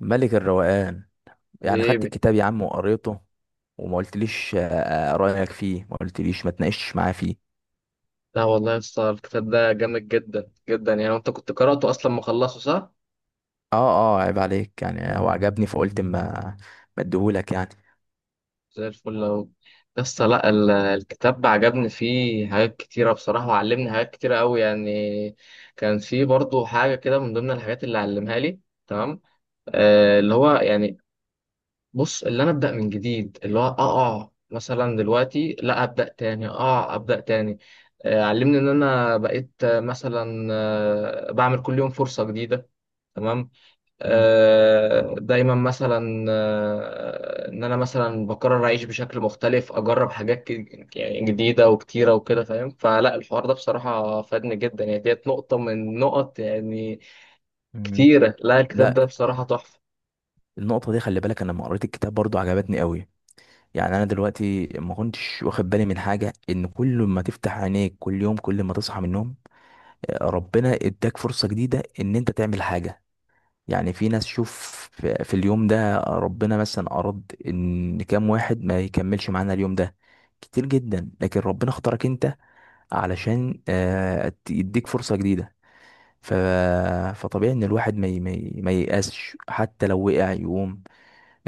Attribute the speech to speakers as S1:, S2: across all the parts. S1: ملك الروقان. يعني خدت
S2: حبيبي.
S1: الكتاب يا عم وقريته وما قلتليش رأيك فيه، ما قلتليش، ما تناقشتش معاه فيه.
S2: لا والله يا اسطى الكتاب ده جامد جدا جدا، يعني انت كنت قرأته اصلا، مخلصه صح؟
S1: اه. اه عيب عليك، يعني هو عجبني فقلت ما اديهولك يعني.
S2: زي الفل اهو. يا اسطى، لا الكتاب عجبني فيه حاجات كتيرة بصراحة، وعلمني حاجات كتيرة قوي يعني. كان فيه برضو حاجة كده من ضمن الحاجات اللي علمها لي، تمام، آه اللي هو يعني، بص اللي انا ابدأ من جديد، اللي هو اقع مثلا دلوقتي لا ابدأ تاني، اقع ابدأ تاني. آه علمني ان انا بقيت مثلا بعمل كل يوم فرصة جديدة، تمام.
S1: مم.
S2: دايما مثلا، ان انا مثلا بقرر اعيش بشكل مختلف، اجرب حاجات يعني جديده وكتيره وكده فاهم. فلا الحوار ده بصراحه فادني جدا يعني، ديت نقطه من نقط يعني
S1: مم.
S2: كتيره. لا الكتاب
S1: لا،
S2: ده بصراحه تحفه.
S1: النقطة دي خلي بالك، انا لما قريت الكتاب برضو عجبتني قوي. يعني انا دلوقتي ما كنتش واخد بالي من حاجة، ان كل ما تفتح عينيك كل يوم، كل ما تصحى من النوم، ربنا اداك فرصة جديدة ان انت تعمل حاجة. يعني في ناس، شوف، في اليوم ده ربنا مثلا أراد إن كام واحد ما يكملش معانا اليوم ده، كتير جدا، لكن ربنا اختارك أنت علشان يديك فرصة جديدة. ف... فطبيعي إن الواحد ما ييأسش، حتى لو وقع يقوم،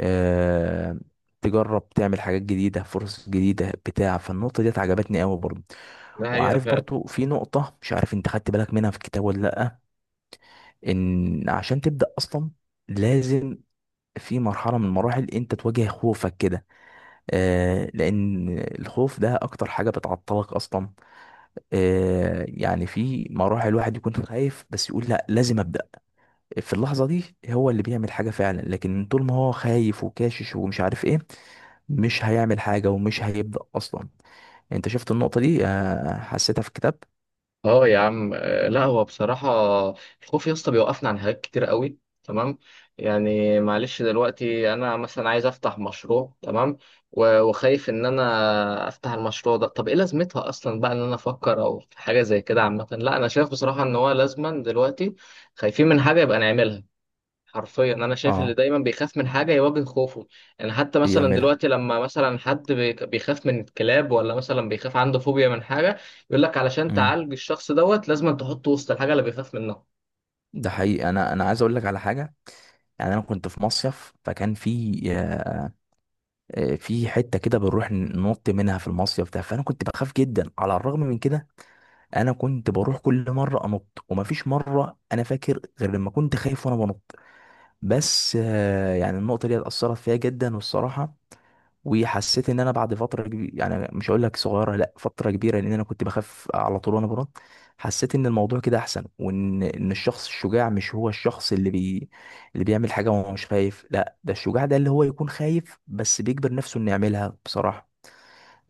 S1: آه، تجرب تعمل حاجات جديدة، فرص جديدة بتاع. فالنقطة ديت عجبتني قوي برضه.
S2: ده حقيقه
S1: وعارف
S2: فعلا.
S1: برضه في نقطة مش عارف انت خدت بالك منها في الكتاب ولا لأ. ان عشان تبدأ اصلا لازم في مرحلة من المراحل انت تواجه خوفك كده. آه، لان الخوف ده اكتر حاجة بتعطلك اصلا. آه يعني في مراحل الواحد يكون خايف بس يقول لا لازم ابدأ. في اللحظة دي هو اللي بيعمل حاجة فعلا، لكن طول ما هو خايف وكاشش ومش عارف ايه مش هيعمل حاجة ومش هيبدأ اصلا. انت شفت النقطة دي؟ آه حسيتها في كتاب.
S2: اه يا عم، لا هو بصراحة الخوف يا اسطى بيوقفنا عن حاجات كتير قوي، تمام. يعني معلش دلوقتي انا مثلا عايز افتح مشروع، تمام، وخايف ان انا افتح المشروع ده، طب ايه لازمتها اصلا بقى ان انا افكر او في حاجة زي كده عامة. لا انا شايف بصراحة ان هو لازما دلوقتي خايفين من حاجة يبقى نعملها. حرفيا انا شايف اللي
S1: اه.
S2: دايما بيخاف من حاجه يواجه خوفه، يعني حتى مثلا
S1: يعملها.
S2: دلوقتي لما مثلا حد بيخاف من الكلاب، ولا مثلا بيخاف عنده فوبيا من حاجه، يقول لك علشان
S1: امم.
S2: تعالج الشخص دوت لازم تحطه وسط الحاجه اللي بيخاف منها.
S1: ده حقيقي، انا عايز اقول لك على حاجة. يعني انا كنت في مصيف، فكان في في حته كده بنروح ننط منها في المصيف ده، فانا كنت بخاف جدا. على الرغم من كده انا كنت بروح كل مره انط، ومفيش مره انا فاكر غير لما كنت خايف وانا بنط. بس يعني النقطه دي اثرت فيا جدا والصراحه. وحسيت ان انا بعد فتره كبيره، يعني مش هقول لك صغيره، لا فتره كبيره، لان انا كنت بخاف على طول وانا بنط. حسيت ان الموضوع كده احسن، وان ان الشخص الشجاع مش هو الشخص اللي بيعمل حاجه وهو مش خايف. لا ده الشجاع ده اللي هو يكون خايف بس بيجبر نفسه انه يعملها بصراحه.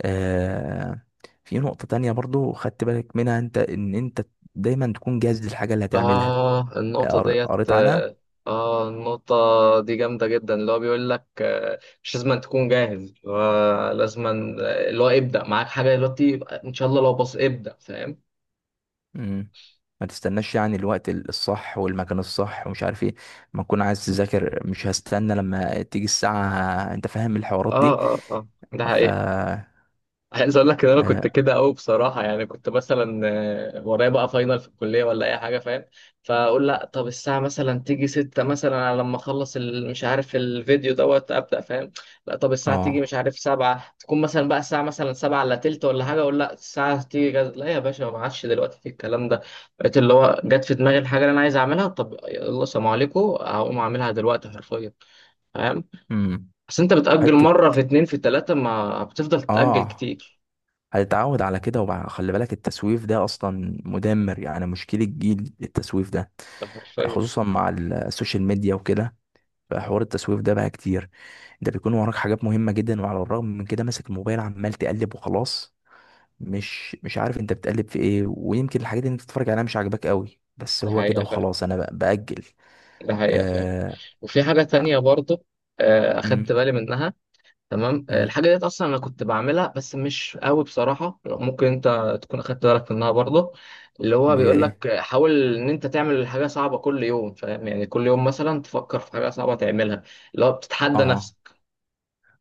S1: آه. في نقطة تانية برضو خدت بالك منها انت، ان انت دايما تكون جاهز للحاجة اللي هتعملها.
S2: اه النقطه ديت
S1: قريت عنها.
S2: اه، النقطه دي جامده جدا، اللي هو بيقول لك مش لازم تكون جاهز، آه، لازم آه، اللي هو ابدا معاك حاجه دلوقتي، يبقى ان شاء الله لو بص ابدا، فاهم.
S1: مم. ما تستناش يعني الوقت الصح والمكان الصح ومش عارف ايه. ما تكون عايز تذاكر مش هستنى لما تيجي الساعة، انت فاهم الحوارات
S2: اه
S1: دي.
S2: اه اه، ده
S1: ف
S2: حقيقي.
S1: اه
S2: عايز اقول لك ان انا كنت كده قوي بصراحه، يعني كنت مثلا ورايا بقى فاينل في الكليه ولا اي حاجه فاهم، فاقول لا طب الساعه مثلا تيجي 6 مثلا، على لما اخلص مش عارف الفيديو دوت ابدا فاهم. لا طب الساعه تيجي مش
S1: آه.
S2: عارف 7، تكون مثلا بقى الساعه مثلا 7 الا تلت ولا حاجه، اقول لا الساعه تيجي جد. لا يا باشا ما عادش دلوقتي في الكلام ده. بقيت اللي هو جت في دماغي الحاجه اللي انا عايز اعملها، طب يلا سلام عليكم هقوم اعملها دلوقتي حرفيا، فاهم.
S1: مم.
S2: بس انت بتاجل
S1: حتة.
S2: مره في اتنين في تلاته، ما بتفضل تتاجل
S1: اه.
S2: كتير.
S1: هتتعود على كده خلي بالك التسويف ده اصلا مدمر. يعني مشكلة جيل التسويف ده
S2: ده حرفيا.
S1: خصوصا مع السوشيال ميديا وكده. فحوار التسويف ده بقى كتير. انت بيكون وراك حاجات مهمة جدا، وعلى الرغم من كده ماسك الموبايل عمال تقلب وخلاص. مش عارف انت بتقلب في ايه، ويمكن الحاجات اللي انت بتتفرج عليها مش عاجباك قوي، بس
S2: ده
S1: هو كده
S2: حقيقة فعلا،
S1: وخلاص انا بقى بأجل.
S2: ده حقيقة فعلا.
S1: آه...
S2: وفي حاجة
S1: ع-
S2: تانية برضه، أخدت
S1: مم.
S2: بالي منها، تمام.
S1: مم.
S2: الحاجة ديت أصلا أنا كنت بعملها بس مش قوي بصراحة، ممكن أنت تكون أخدت بالك منها برضه. اللي هو
S1: اللي هي
S2: بيقول
S1: ايه؟
S2: لك حاول إن أنت تعمل حاجة صعبة كل يوم فاهم، يعني كل يوم مثلا تفكر في حاجة صعبة تعملها، اللي هو بتتحدى
S1: اه.
S2: نفسك،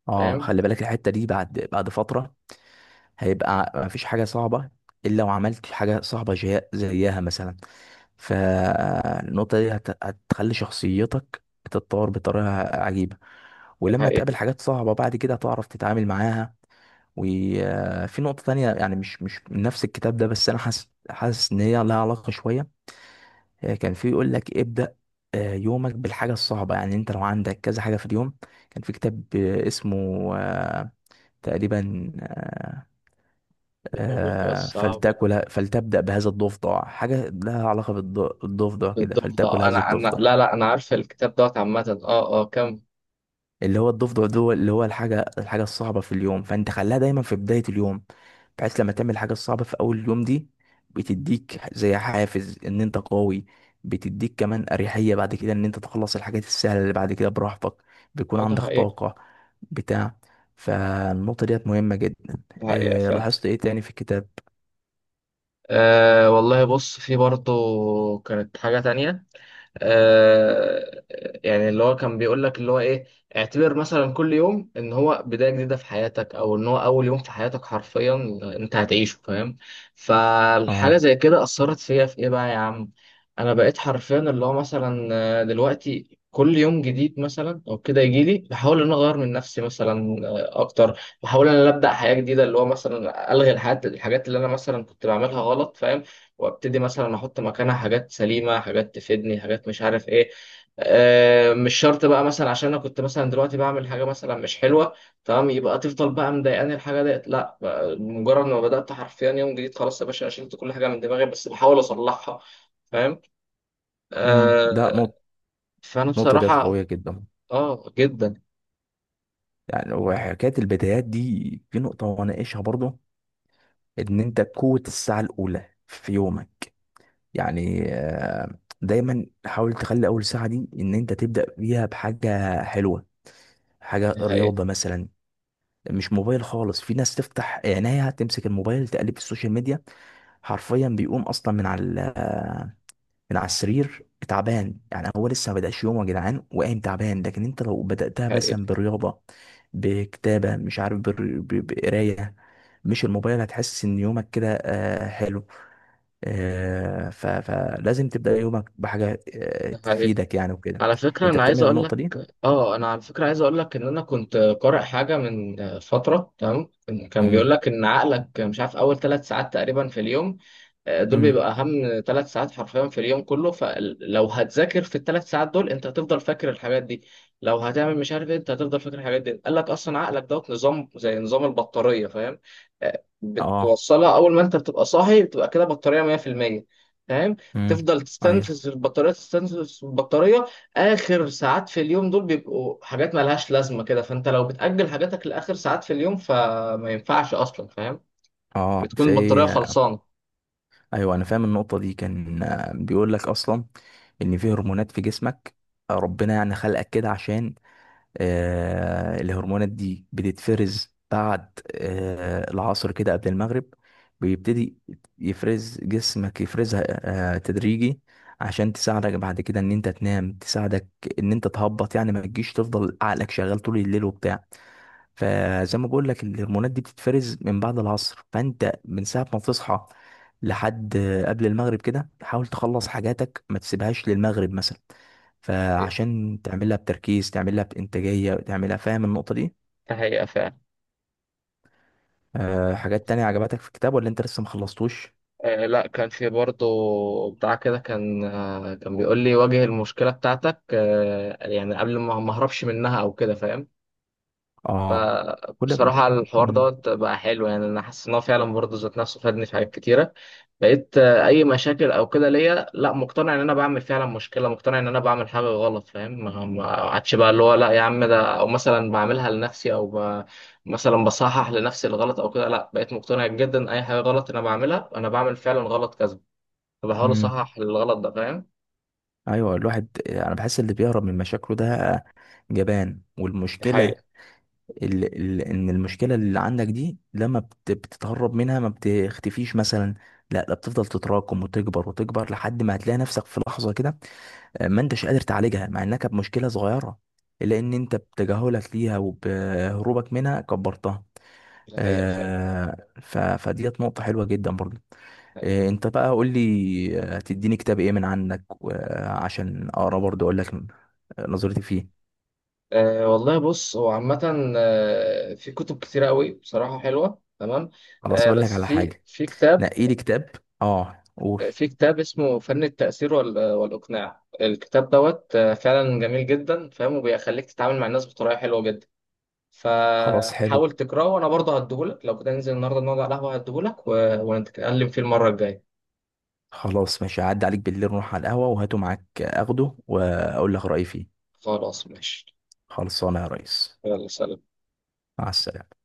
S1: اه
S2: فاهم.
S1: خلي بالك الحتة دي بعد فترة هيبقى مفيش حاجة صعبة الا وعملت حاجة صعبة زيها مثلا. فالنقطة دي هتخلي شخصيتك تتطور بطريقة عجيبة،
S2: دي
S1: ولما
S2: حقيقة.
S1: تقابل حاجات صعبة بعد كده هتعرف تتعامل معاها. وفي نقطة تانية يعني مش من نفس الكتاب ده، بس أنا حاسس إن هي لها علاقة شوية. كان في يقول لك ابدأ يومك بالحاجة الصعبة. يعني أنت لو عندك كذا حاجة في اليوم، كان في كتاب اسمه آه، تقريبا آه،
S2: دي أول حاجة
S1: آه،
S2: صعبة.
S1: فلتاكل، فلتبدأ بهذا الضفدع. حاجة لها علاقة بالضفدع كده،
S2: بالضبط،
S1: فلتاكل هذا
S2: أنا أنا
S1: الضفدع.
S2: لا لا أنا عارف الكتاب دوت عامة، أه أه كم.
S1: اللي هو الضفدع ده اللي هو الحاجة الصعبة في اليوم، فانت خليها دايما في بداية اليوم. بحيث لما تعمل الحاجة الصعبة في أول اليوم دي، بتديك زي حافز إن أنت قوي، بتديك كمان أريحية بعد كده إن أنت تخلص الحاجات السهلة اللي بعد كده براحتك، بيكون
S2: أه ده
S1: عندك
S2: حقيقة،
S1: طاقة بتاع. فالنقطة ديت مهمة جدا.
S2: ده حقيقة
S1: إيه
S2: فعلا.
S1: لاحظت إيه تاني في الكتاب؟
S2: أه والله، بص في برضه كانت حاجة تانية، آه، يعني اللي هو كان بيقول لك اللي هو ايه، اعتبر مثلا كل يوم ان هو بداية جديدة في حياتك، او ان هو اول يوم في حياتك حرفيا انت هتعيشه، فاهم. فالحاجة
S1: آه.
S2: زي كده اثرت فيا في ايه بقى يا عم، انا بقيت حرفيا اللي هو مثلا دلوقتي كل يوم جديد مثلا او كده يجي لي بحاول ان أنا اغير من نفسي مثلا، اكتر بحاول ان انا ابدا حياه جديده، اللي هو مثلا الغي الحاجات اللي انا مثلا كنت بعملها غلط فاهم، وابتدي مثلا احط مكانها حاجات سليمه، حاجات تفيدني، حاجات مش عارف ايه. مش شرط بقى مثلا عشان انا كنت مثلا دلوقتي بعمل حاجه مثلا مش حلوه تمام، يبقى تفضل بقى مضايقاني الحاجه ديت. لا بقى مجرد ما بدات حرفيا يوم جديد، خلاص يا باشا أنا شلت كل حاجه من دماغي، بس بحاول اصلحها فاهم.
S1: امم. ده
S2: آه،
S1: نقطة،
S2: فانا
S1: النقطة ديت
S2: بصراحه
S1: قوية جدا.
S2: اه جدا
S1: يعني وحكاية البدايات دي في نقطة وأناقشها برضه، ان انت قوة الساعة الاولى في يومك. يعني دايما حاول تخلي اول ساعة دي ان انت تبدأ بيها بحاجة حلوة، حاجة
S2: ده حقيقي،
S1: رياضة مثلا. مش موبايل خالص. في ناس تفتح عينيها تمسك الموبايل تقلب في السوشيال ميديا، حرفيا بيقوم اصلا من على السرير تعبان. يعني هو لسه ما بدأش يومه يا جدعان وقايم تعبان. لكن انت لو بدأتها
S2: ده حقيقي،
S1: مثلا برياضة، بكتابة، مش عارف بقراية، مش الموبايل، هتحس ان يومك كده حلو. فلازم تبدأ يومك بحاجة
S2: ده حقيقي.
S1: تفيدك يعني وكده.
S2: على فكره
S1: انت
S2: انا عايز
S1: بتعمل
S2: اقول،
S1: النقطة دي؟
S2: اه انا على فكره عايز اقول لك ان انا كنت قارئ حاجه من فتره تمام، كان بيقول
S1: امم.
S2: لك ان عقلك مش عارف اول ثلاث ساعات تقريبا في اليوم، دول بيبقى
S1: امم.
S2: اهم ثلاث ساعات حرفيا في اليوم كله، فلو هتذاكر في الثلاث ساعات دول انت هتفضل فاكر الحاجات دي، لو هتعمل مش عارف إيه، انت هتفضل فاكر الحاجات دي. قال لك اصلا عقلك دوت نظام زي نظام البطاريه، فاهم،
S1: اه.
S2: بتوصلها اول ما انت بتبقى صاحي بتبقى كده بطاريه 100%، فاهم.
S1: امم.
S2: تفضل
S1: ايوه.
S2: تستنفذ البطاريه، تستنفذ البطاريه، اخر ساعات في اليوم دول بيبقوا حاجات مالهاش لازمه كده، فانت لو بتاجل حاجاتك لاخر ساعات في اليوم فما ينفعش اصلا فاهم،
S1: اه.
S2: بتكون
S1: في.
S2: البطاريه خلصانه.
S1: ايوه انا فاهم النقطة دي. كان بيقول لك اصلا ان في هرمونات في جسمك، ربنا يعني خلقك كده عشان الهرمونات دي بتتفرز بعد العصر كده قبل المغرب. بيبتدي يفرز جسمك، يفرزها تدريجي عشان تساعدك بعد كده ان انت تنام، تساعدك ان انت تهبط يعني، ما تجيش تفضل عقلك شغال طول الليل وبتاع. فزي ما بقول لك الهرمونات دي بتتفرز من بعد العصر، فانت من ساعه ما تصحى لحد قبل المغرب كده حاول تخلص حاجاتك، ما تسيبهاش للمغرب مثلا، فعشان تعملها بتركيز، تعملها بانتاجيه، تعملها. فاهم النقطه دي؟
S2: فهي
S1: أه حاجات تانية عجبتك في الكتاب ولا انت لسه ما خلصتوش؟
S2: آه، لا كان في برضه بتاع كده، كان آه كان بيقول لي واجه المشكلة بتاعتك، آه يعني قبل ما اهربش منها او كده فاهم.
S1: اه. كل ما.
S2: بصراحة الحوار
S1: مم.
S2: دوت بقى حلو، يعني انا حاسس ان هو فعلا برضه ذات نفسه فادني في حاجات كتيرة. بقيت آه اي مشاكل او كده ليا، لا مقتنع ان انا بعمل فعلا مشكلة، مقتنع ان انا بعمل حاجة غلط فاهم. ما عادش بقى اللي هو لا يا عم ده، او مثلا بعملها لنفسي او ب... مثلا بصحح لنفسي الغلط او كده، لا بقيت مقتنع جدا اي حاجة غلط انا بعملها انا بعمل فعلا غلط كذا، فبحاول
S1: مم.
S2: اصحح الغلط ده فاهم.
S1: ايوه. الواحد انا بحس اللي بيهرب من مشاكله ده جبان.
S2: دي
S1: والمشكله،
S2: حقيقة،
S1: ال ال ان المشكله اللي عندك دي لما بتتهرب منها ما بتختفيش مثلا، لا لا، بتفضل تتراكم وتكبر وتكبر لحد ما هتلاقي نفسك في لحظه كده ما انتش قادر تعالجها، مع انها كانت مشكله صغيره، الا ان انت بتجاهلك ليها وبهروبك منها كبرتها.
S2: دي حقيقة فعلا، دي
S1: فديت نقطه حلوه جدا برضو.
S2: حقيقة.
S1: انت بقى قول لي هتديني كتاب ايه من عندك عشان اقرا برضو اقول لك نظرتي فيه.
S2: أه والله، بص هو عامة في كتب كتيرة قوي بصراحة حلوة تمام،
S1: خلاص
S2: أه
S1: اقول لك
S2: بس
S1: على
S2: في
S1: حاجه،
S2: في كتاب،
S1: نقي لي كتاب. اه قول.
S2: في كتاب اسمه فن التأثير والإقناع، الكتاب دوت فعلا جميل جدا فاهم، وبيخليك تتعامل مع الناس بطريقة حلوة جدا،
S1: خلاص
S2: فحاول
S1: حلو.
S2: تقرأه. وأنا برضه هديهولك لو كده ننزل النهاردة نقعد على القهوة هديهولك، ونتكلم فيه المرة الجاية.
S1: خلاص ماشي، هعدي عليك بالليل نروح على القهوة وهاته معاك اخده واقول لك رأيي فيه.
S2: خلاص ماشي،
S1: خلصانه يا ريس.
S2: يلا سلام.
S1: مع السلامة.